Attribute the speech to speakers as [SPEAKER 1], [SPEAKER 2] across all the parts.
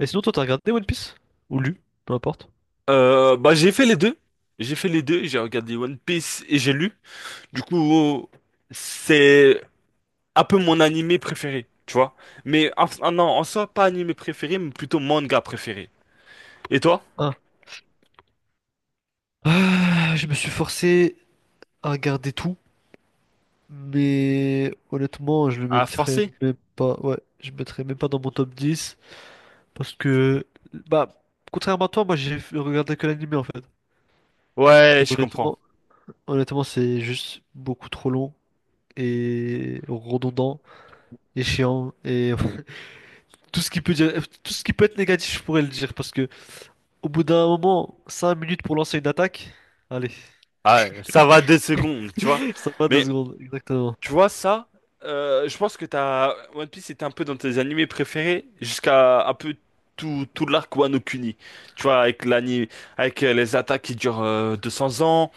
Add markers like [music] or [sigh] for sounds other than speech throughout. [SPEAKER 1] Et sinon, toi, t'as regardé One Piece? Ou lu? Peu importe.
[SPEAKER 2] Bah j'ai fait les deux. J'ai fait les deux, j'ai regardé One Piece et j'ai lu. Du coup, c'est un peu mon animé préféré, tu vois. Ah non, en soi, pas animé préféré, mais plutôt manga préféré. Et toi?
[SPEAKER 1] Ah. Ah, je me suis forcé à regarder tout, mais honnêtement, je le
[SPEAKER 2] Ah,
[SPEAKER 1] mettrais
[SPEAKER 2] forcé?
[SPEAKER 1] même pas. Ouais, je le mettrais même pas dans mon top 10 parce que, bah, contrairement à toi, moi j'ai regardé que l'anime en fait.
[SPEAKER 2] Ouais,
[SPEAKER 1] Et
[SPEAKER 2] je comprends.
[SPEAKER 1] honnêtement, c'est juste beaucoup trop long et redondant et chiant et [laughs] tout ce qui peut dire, tout ce qui peut être négatif, je pourrais le dire parce que au bout d'un moment, 5 minutes pour lancer une attaque, allez.
[SPEAKER 2] Ah, ça va 2 secondes, tu vois.
[SPEAKER 1] Ça va deux
[SPEAKER 2] Mais
[SPEAKER 1] secondes, exactement.
[SPEAKER 2] tu vois ça, je pense que t'as One Piece était un peu dans tes animés préférés jusqu'à un peu tout l'arc Wano Kuni. Tu vois, avec l'anime, avec les attaques qui durent 200 ans.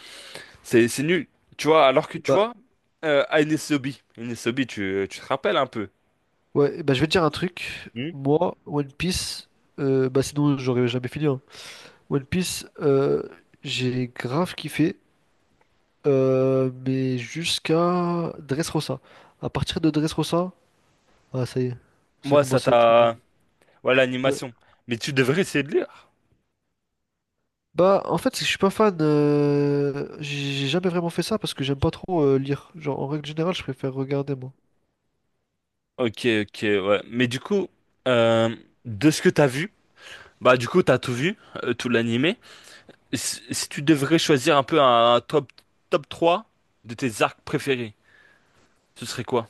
[SPEAKER 2] C'est nul. Tu vois, alors que tu
[SPEAKER 1] Bah,
[SPEAKER 2] vois, Aines Obi, tu te rappelles un peu.
[SPEAKER 1] ouais, bah, je vais te dire un truc.
[SPEAKER 2] Hmm.
[SPEAKER 1] Moi, One Piece, bah, sinon, j'aurais jamais fini, hein. One Piece, j'ai grave kiffé, mais jusqu'à Dressrosa. À partir de Dressrosa, ah, ça y est, ça
[SPEAKER 2] Moi, ça
[SPEAKER 1] commence à être.
[SPEAKER 2] t'a. Ouais,
[SPEAKER 1] Ouais.
[SPEAKER 2] l'animation. Mais tu devrais essayer de lire.
[SPEAKER 1] Bah, en fait, c'est que je suis pas fan. J'ai jamais vraiment fait ça parce que j'aime pas trop lire. Genre, en règle générale, je préfère regarder, moi.
[SPEAKER 2] Ok, ok, ouais. Mais du coup, euh, de ce que t'as vu, bah du coup, t'as tout vu, tout l'animé. Si tu devrais choisir un peu un top 3 de tes arcs préférés, ce serait quoi?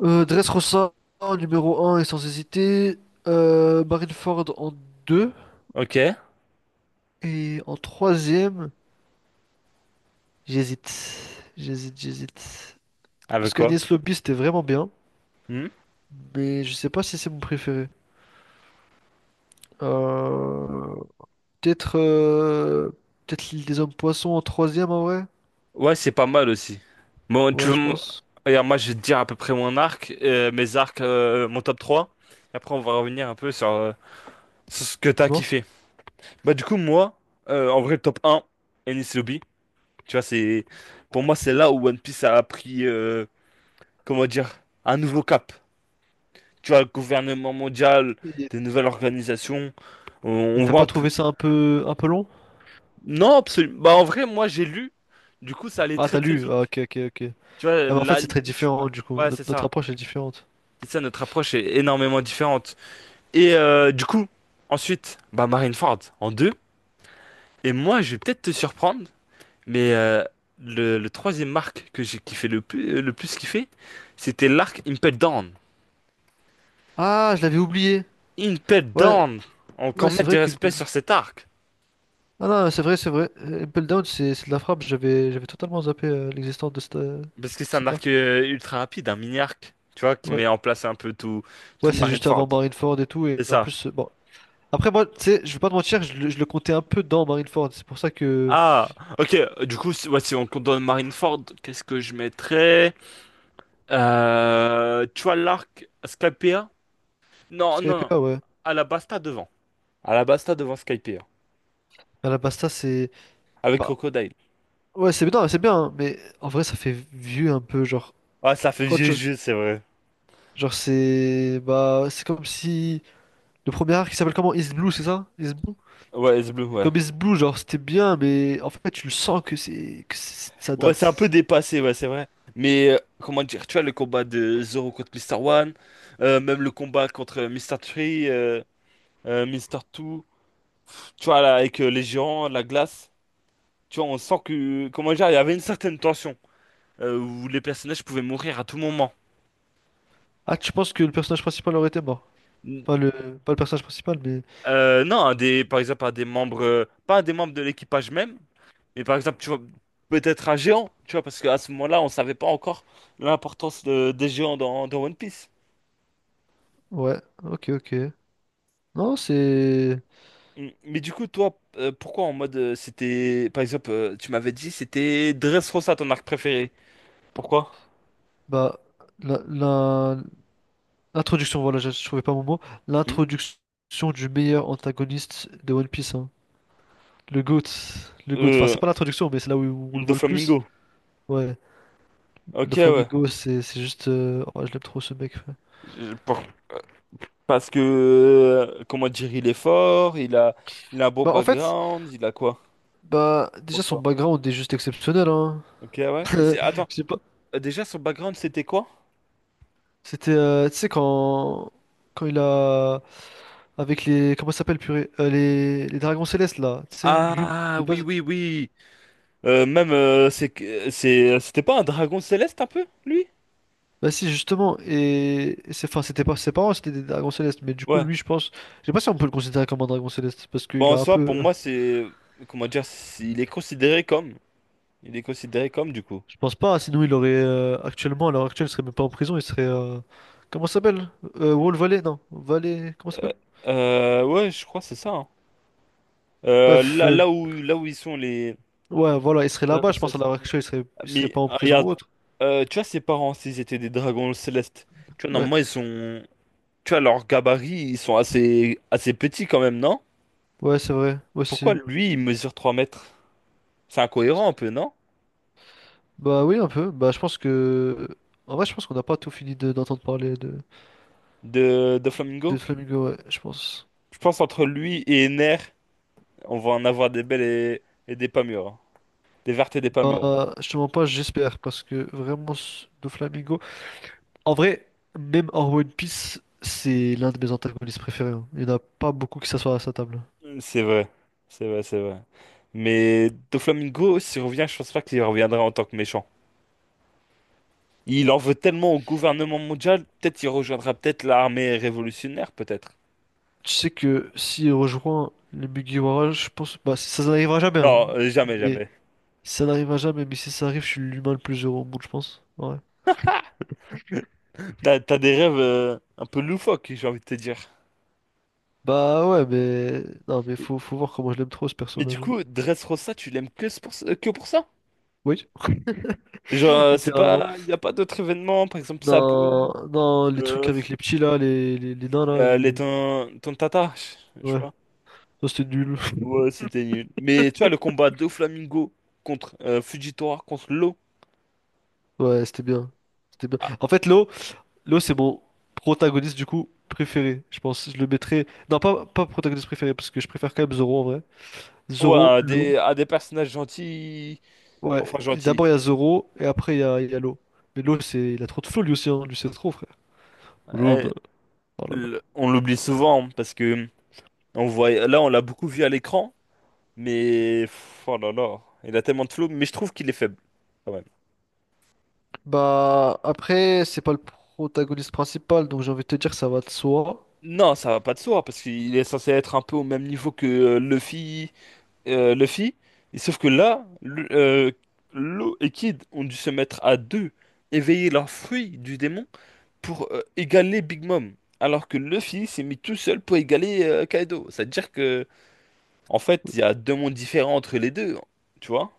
[SPEAKER 1] Dressrosa en numéro un et sans hésiter. Marineford en deux.
[SPEAKER 2] Ok.
[SPEAKER 1] Et en troisième, j'hésite. J'hésite.
[SPEAKER 2] Avec
[SPEAKER 1] Parce
[SPEAKER 2] quoi?
[SPEAKER 1] qu'Agnès Lobby, c'était vraiment bien. Mais je sais pas si c'est mon préféré. Euh, peut-être peut-être l'île des hommes poissons en troisième en vrai.
[SPEAKER 2] Ouais, c'est pas mal aussi. Bon, tu
[SPEAKER 1] Ouais,
[SPEAKER 2] veux...
[SPEAKER 1] je
[SPEAKER 2] mon-
[SPEAKER 1] pense.
[SPEAKER 2] Regarde, moi, je vais te dire à peu près mon arc, mes arcs, mon top trois. Et après, on va revenir un peu sur, sur ce que t'as
[SPEAKER 1] Dis-moi.
[SPEAKER 2] kiffé. Bah, du coup, moi, en vrai, le top un, Enies Lobby. Tu vois, c'est... Pour moi, c'est là où One Piece a pris, comment dire, un nouveau cap. Tu vois, le gouvernement mondial,
[SPEAKER 1] Et
[SPEAKER 2] des nouvelles organisations. On,
[SPEAKER 1] et
[SPEAKER 2] on
[SPEAKER 1] t'as
[SPEAKER 2] voit un
[SPEAKER 1] pas
[SPEAKER 2] peu...
[SPEAKER 1] trouvé ça un peu long?
[SPEAKER 2] Non, absolument. Bah, en vrai, moi, j'ai lu. Du coup, ça allait
[SPEAKER 1] Ah,
[SPEAKER 2] très,
[SPEAKER 1] t'as
[SPEAKER 2] très
[SPEAKER 1] lu.
[SPEAKER 2] vite.
[SPEAKER 1] Ah, ok, ok.
[SPEAKER 2] Tu vois,
[SPEAKER 1] Ah, mais en fait, c'est
[SPEAKER 2] l'anime,
[SPEAKER 1] très
[SPEAKER 2] je sais pas...
[SPEAKER 1] différent du coup.
[SPEAKER 2] Ouais, c'est
[SPEAKER 1] Notre
[SPEAKER 2] ça.
[SPEAKER 1] approche est différente.
[SPEAKER 2] C'est ça, notre approche est énormément différente. Et du coup, ensuite, bah Marineford en deux. Et moi, je vais peut-être te surprendre, mais le troisième arc que j'ai kiffé le plus kiffé, c'était l'arc Impel Down.
[SPEAKER 1] Ah, je l'avais oublié.
[SPEAKER 2] Impel
[SPEAKER 1] Ouais.
[SPEAKER 2] Down!
[SPEAKER 1] Ouais,
[SPEAKER 2] Encore
[SPEAKER 1] c'est
[SPEAKER 2] mettre
[SPEAKER 1] vrai
[SPEAKER 2] du
[SPEAKER 1] qu'une...
[SPEAKER 2] respect
[SPEAKER 1] pelle-
[SPEAKER 2] sur cet arc.
[SPEAKER 1] Ah non, c'est vrai, c'est vrai. Impel Down, c'est de la frappe. J'avais totalement zappé l'existence de cette,
[SPEAKER 2] Parce que c'est un
[SPEAKER 1] cette arme.
[SPEAKER 2] arc ultra rapide, un mini arc, tu vois, qui
[SPEAKER 1] Ouais.
[SPEAKER 2] met en place un peu tout
[SPEAKER 1] Ouais, c'est juste
[SPEAKER 2] Marineford.
[SPEAKER 1] avant Marineford et tout. Et
[SPEAKER 2] C'est
[SPEAKER 1] en
[SPEAKER 2] ça.
[SPEAKER 1] plus, bon. Après, moi, tu sais, je vais pas te mentir, je le comptais un peu dans Marineford. C'est pour ça que.
[SPEAKER 2] Ah, ok, du coup, si, ouais, si on compte dans Marineford, qu'est-ce que je mettrais? Tu vois l'arc Skypea? Non, non,
[SPEAKER 1] Skype,
[SPEAKER 2] non.
[SPEAKER 1] ouais.
[SPEAKER 2] Alabasta devant. Alabasta devant Skypea.
[SPEAKER 1] À la Basta, c'est.
[SPEAKER 2] Avec
[SPEAKER 1] Bah,
[SPEAKER 2] Crocodile.
[SPEAKER 1] ouais, c'est bien, hein, mais en vrai, ça fait vieux un peu. Genre,
[SPEAKER 2] Ah, ça fait
[SPEAKER 1] quand
[SPEAKER 2] vieux
[SPEAKER 1] tu.
[SPEAKER 2] jeu, c'est vrai.
[SPEAKER 1] Genre, c'est. Bah, c'est comme si. Le premier arc qui s'appelle comment? Is Blue, c'est ça? Is Blue?
[SPEAKER 2] Ouais, S bleu, ouais.
[SPEAKER 1] Comme Is Blue, genre, c'était bien, mais en fait, tu le sens que c'est- ça
[SPEAKER 2] Ouais, c'est un peu
[SPEAKER 1] date.
[SPEAKER 2] dépassé, ouais, c'est vrai. Mais comment dire, tu vois le combat de Zoro contre Mister One, même le combat contre Mister Three, Mr. Two, tu vois, là, avec les géants, la glace, tu vois, on sent que, comment dire, il y avait une certaine tension où les personnages pouvaient mourir à tout moment.
[SPEAKER 1] Ah, tu penses que le personnage principal aurait été mort? Pas le, pas le personnage principal, mais...
[SPEAKER 2] Non, un des, par exemple, un des membres, pas un des membres de l'équipage même, mais par exemple, tu vois, peut-être un géant, tu vois, parce qu'à ce moment-là, on savait pas encore l'importance des géants dans, One Piece.
[SPEAKER 1] Ouais, ok, ok. Non, c'est...
[SPEAKER 2] Mm. Mais du coup, toi, pourquoi en mode, c'était, par exemple, tu m'avais dit, c'était Dressrosa, ton arc préféré. Pourquoi?
[SPEAKER 1] Bah, la- l'introduction, voilà, je trouvais pas mon mot.
[SPEAKER 2] Mm.
[SPEAKER 1] L'introduction du meilleur antagoniste de One Piece, hein. Le GOAT. Le GOAT. Enfin, c'est
[SPEAKER 2] Euh,
[SPEAKER 1] pas l'introduction, mais c'est là où on le voit le plus.
[SPEAKER 2] Doflamingo.
[SPEAKER 1] Ouais.
[SPEAKER 2] Ok,
[SPEAKER 1] Le
[SPEAKER 2] ouais.
[SPEAKER 1] Flamingo, c'est juste... oh, je l'aime trop, ce mec, ouais.
[SPEAKER 2] Je- pour- Parce que, comment dire, il est fort, il a un beau
[SPEAKER 1] Bah, en fait...
[SPEAKER 2] background, il a quoi?
[SPEAKER 1] Bah, déjà,
[SPEAKER 2] Pour
[SPEAKER 1] son
[SPEAKER 2] toi.
[SPEAKER 1] background est juste exceptionnel, hein.
[SPEAKER 2] Ok, ouais.
[SPEAKER 1] [laughs]
[SPEAKER 2] Et
[SPEAKER 1] Euh,
[SPEAKER 2] attends.
[SPEAKER 1] je sais pas.
[SPEAKER 2] Déjà, son background, c'était quoi?
[SPEAKER 1] C'était, tu sais, quand... quand il a. Avec les. Comment ça s'appelle, purée? Les dragons célestes, là. Tu sais, lui,
[SPEAKER 2] Ah,
[SPEAKER 1] de
[SPEAKER 2] oui,
[SPEAKER 1] base.
[SPEAKER 2] oui, oui. Même, c'est, c'est, c'était pas un dragon céleste un peu, lui?
[SPEAKER 1] Bah si, justement. Et c'est... Enfin, c'était pas ses parents, c'était des dragons célestes. Mais du coup,
[SPEAKER 2] Ouais.
[SPEAKER 1] lui, je pense. Je sais pas si on peut le considérer comme un dragon céleste. Parce
[SPEAKER 2] Bon,
[SPEAKER 1] qu'il
[SPEAKER 2] en
[SPEAKER 1] a un
[SPEAKER 2] soi, pour
[SPEAKER 1] peu.
[SPEAKER 2] moi, c'est, comment dire, il est considéré comme, du coup.
[SPEAKER 1] Je pense pas. Sinon, il aurait. Actuellement, à l'heure actuelle, il serait même pas en prison. Il serait. Comment ça s'appelle? Wall Valley? Non. Valley. Comment ça
[SPEAKER 2] Euh,
[SPEAKER 1] s'appelle?
[SPEAKER 2] ouais, je crois que c'est ça, hein.
[SPEAKER 1] Bref.
[SPEAKER 2] Là, là où ils sont les
[SPEAKER 1] Ouais, voilà. Il serait
[SPEAKER 2] dragons
[SPEAKER 1] là-bas, je pense, à
[SPEAKER 2] célestes.
[SPEAKER 1] l'heure actuelle. Il serait
[SPEAKER 2] Mais
[SPEAKER 1] pas en
[SPEAKER 2] ah,
[SPEAKER 1] prison
[SPEAKER 2] regarde,
[SPEAKER 1] ou autre.
[SPEAKER 2] tu vois, ses parents, s'ils étaient des dragons célestes, tu vois,
[SPEAKER 1] Ouais.
[SPEAKER 2] normalement, ils sont, tu vois, leur gabarit, ils sont assez, assez petits quand même, non?
[SPEAKER 1] Ouais, c'est vrai, aussi.
[SPEAKER 2] Pourquoi lui, il mesure 3 mètres? C'est incohérent un peu, non?
[SPEAKER 1] Bah oui, un peu. Bah je pense que... En vrai, je pense qu'on n'a pas tout fini de- d'entendre parler
[SPEAKER 2] De Flamingo?
[SPEAKER 1] de Flamingo, ouais, je pense.
[SPEAKER 2] Je pense entre lui et Ener, on va en avoir des belles et des pas mûres, hein. Des vertes et des pas mûres.
[SPEAKER 1] Bah, je te mens pas, j'espère, parce que vraiment, ce- de Flamingo... En vrai, même en One Piece, c'est l'un de mes antagonistes préférés, hein. Il n'y en a pas beaucoup qui s'assoient à sa table.
[SPEAKER 2] C'est vrai. C'est vrai, c'est vrai. Mais de Flamingo, s'il revient, je pense pas qu'il reviendra en tant que méchant. Il en veut tellement au gouvernement mondial, peut-être qu'il rejoindra peut-être l'armée révolutionnaire, peut-être.
[SPEAKER 1] Tu sais que s'il rejoint les Mugiwara, je pense... Bah, ça n'arrivera jamais, hein.
[SPEAKER 2] Non, jamais,
[SPEAKER 1] Mais
[SPEAKER 2] jamais.
[SPEAKER 1] ça n'arrivera jamais, mais si ça arrive, je suis l'humain le plus heureux au monde, je pense. Ouais.
[SPEAKER 2] T'as des rêves un peu loufoques, j'ai envie de te dire.
[SPEAKER 1] Bah ouais, mais non, mais
[SPEAKER 2] Mais,
[SPEAKER 1] faut voir comment je l'aime trop ce
[SPEAKER 2] mais du
[SPEAKER 1] personnage, hein.
[SPEAKER 2] coup, Dressrosa, tu l'aimes que, que pour ça?
[SPEAKER 1] Oui,
[SPEAKER 2] Genre,
[SPEAKER 1] [laughs]
[SPEAKER 2] c'est
[SPEAKER 1] littéralement.
[SPEAKER 2] pas, il n'y a pas d'autres événements, par exemple Sabou,
[SPEAKER 1] Non, non, les trucs
[SPEAKER 2] euh,
[SPEAKER 1] avec les petits là, les nains là, les...
[SPEAKER 2] Tontata, je
[SPEAKER 1] Ouais,
[SPEAKER 2] crois.
[SPEAKER 1] ça c'était nul. [laughs]
[SPEAKER 2] Ouais, c'était nul. Mais tu vois, le combat de Flamingo contre Fujitora, contre Law,
[SPEAKER 1] Ouais, c'était bien. C'était bien.
[SPEAKER 2] ah,
[SPEAKER 1] En fait, l'eau c'est mon protagoniste du coup préféré. Je pense, je le mettrais... Non, pas protagoniste préféré, parce que je préfère quand même Zoro en vrai.
[SPEAKER 2] ouais,
[SPEAKER 1] Zoro,
[SPEAKER 2] à
[SPEAKER 1] l'eau.
[SPEAKER 2] des, à des personnages gentils, enfin
[SPEAKER 1] Ouais,
[SPEAKER 2] gentils.
[SPEAKER 1] d'abord il y a Zoro, et après il y a l'eau. Mais l'eau, c'est... il a trop de flow lui aussi, hein. Lui c'est trop, frère. L'eau,
[SPEAKER 2] Euh,
[SPEAKER 1] bah, voilà.
[SPEAKER 2] on l'oublie souvent, hein, parce que on voit, là, on l'a beaucoup vu à l'écran, mais oh là là, il a tellement de flow, mais je trouve qu'il est faible quand même.
[SPEAKER 1] Bah, après, c'est pas le protagoniste principal, donc j'ai envie de te dire ça va de soi.
[SPEAKER 2] Non, ça va pas de soi parce qu'il est censé être un peu au même niveau que Luffy. Luffy. Et sauf que là, Law et Kid ont dû se mettre à deux, éveiller leurs fruits du démon pour égaler Big Mom. Alors que Luffy s'est mis tout seul pour égaler Kaido. C'est-à-dire que, en fait, il y a deux mondes différents entre les deux. Tu vois?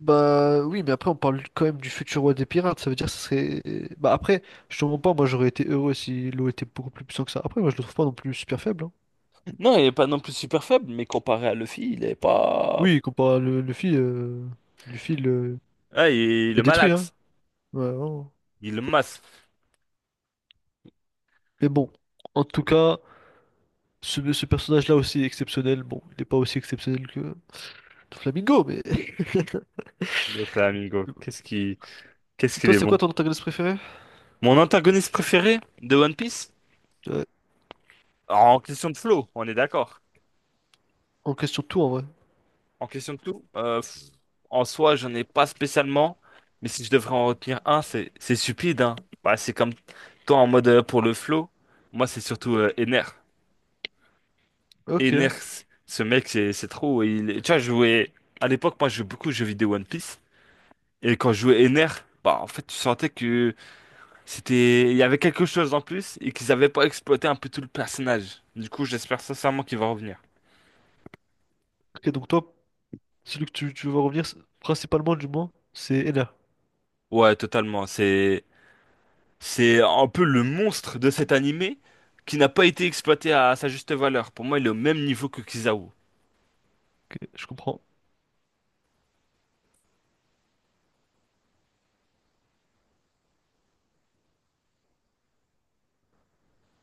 [SPEAKER 1] Bah, oui, mais après, on parle quand même du futur roi des pirates, ça veut dire que ça serait. Bah, après, je te mens pas, moi j'aurais été heureux si l'eau était beaucoup plus puissant que ça. Après, moi je le trouve pas non plus super faible, hein.
[SPEAKER 2] Non, il est pas non plus super faible, mais comparé à Luffy, il est pas.
[SPEAKER 1] Oui, comparé à Luffy, Luffy le,
[SPEAKER 2] Ah, il
[SPEAKER 1] le
[SPEAKER 2] le
[SPEAKER 1] détruit, hein.
[SPEAKER 2] malaxe.
[SPEAKER 1] Ouais, vraiment.
[SPEAKER 2] Il le masse.
[SPEAKER 1] Mais bon, en tout cas, ce personnage-là aussi est exceptionnel. Bon, il est pas aussi exceptionnel que Flamingo, mais. [laughs]
[SPEAKER 2] Le Flamingo. Qu'est-ce
[SPEAKER 1] Et
[SPEAKER 2] qu'il
[SPEAKER 1] toi,
[SPEAKER 2] est
[SPEAKER 1] c'est
[SPEAKER 2] bon.
[SPEAKER 1] quoi ton antagoniste préféré?
[SPEAKER 2] Mon antagoniste préféré de One Piece?
[SPEAKER 1] Ouais,
[SPEAKER 2] En question de flow, on est d'accord.
[SPEAKER 1] on question tout en vrai.
[SPEAKER 2] En question de tout, en soi, j'en ai pas spécialement, mais si je devrais en retenir un, c'est stupide, hein. Bah, c'est comme toi en mode pour le flow, moi c'est surtout Ener.
[SPEAKER 1] Ok.
[SPEAKER 2] Ener, ce mec, c'est trop. Tu vois, je jouais à l'époque, moi je jouais beaucoup aux jeux vidéo One Piece, et quand je jouais Ener, bah en fait, tu sentais que c'était, il y avait quelque chose en plus et qu'ils avaient pas exploité un peu tout le personnage. Du coup, j'espère sincèrement qu'il va revenir.
[SPEAKER 1] Ok, donc toi. Celui que tu veux revenir, c'est- principalement du moins, c'est Ena.
[SPEAKER 2] Ouais, totalement. C'est un peu le monstre de cet animé qui n'a pas été exploité à sa juste valeur. Pour moi, il est au même niveau que Kizaru.
[SPEAKER 1] Ok, je comprends.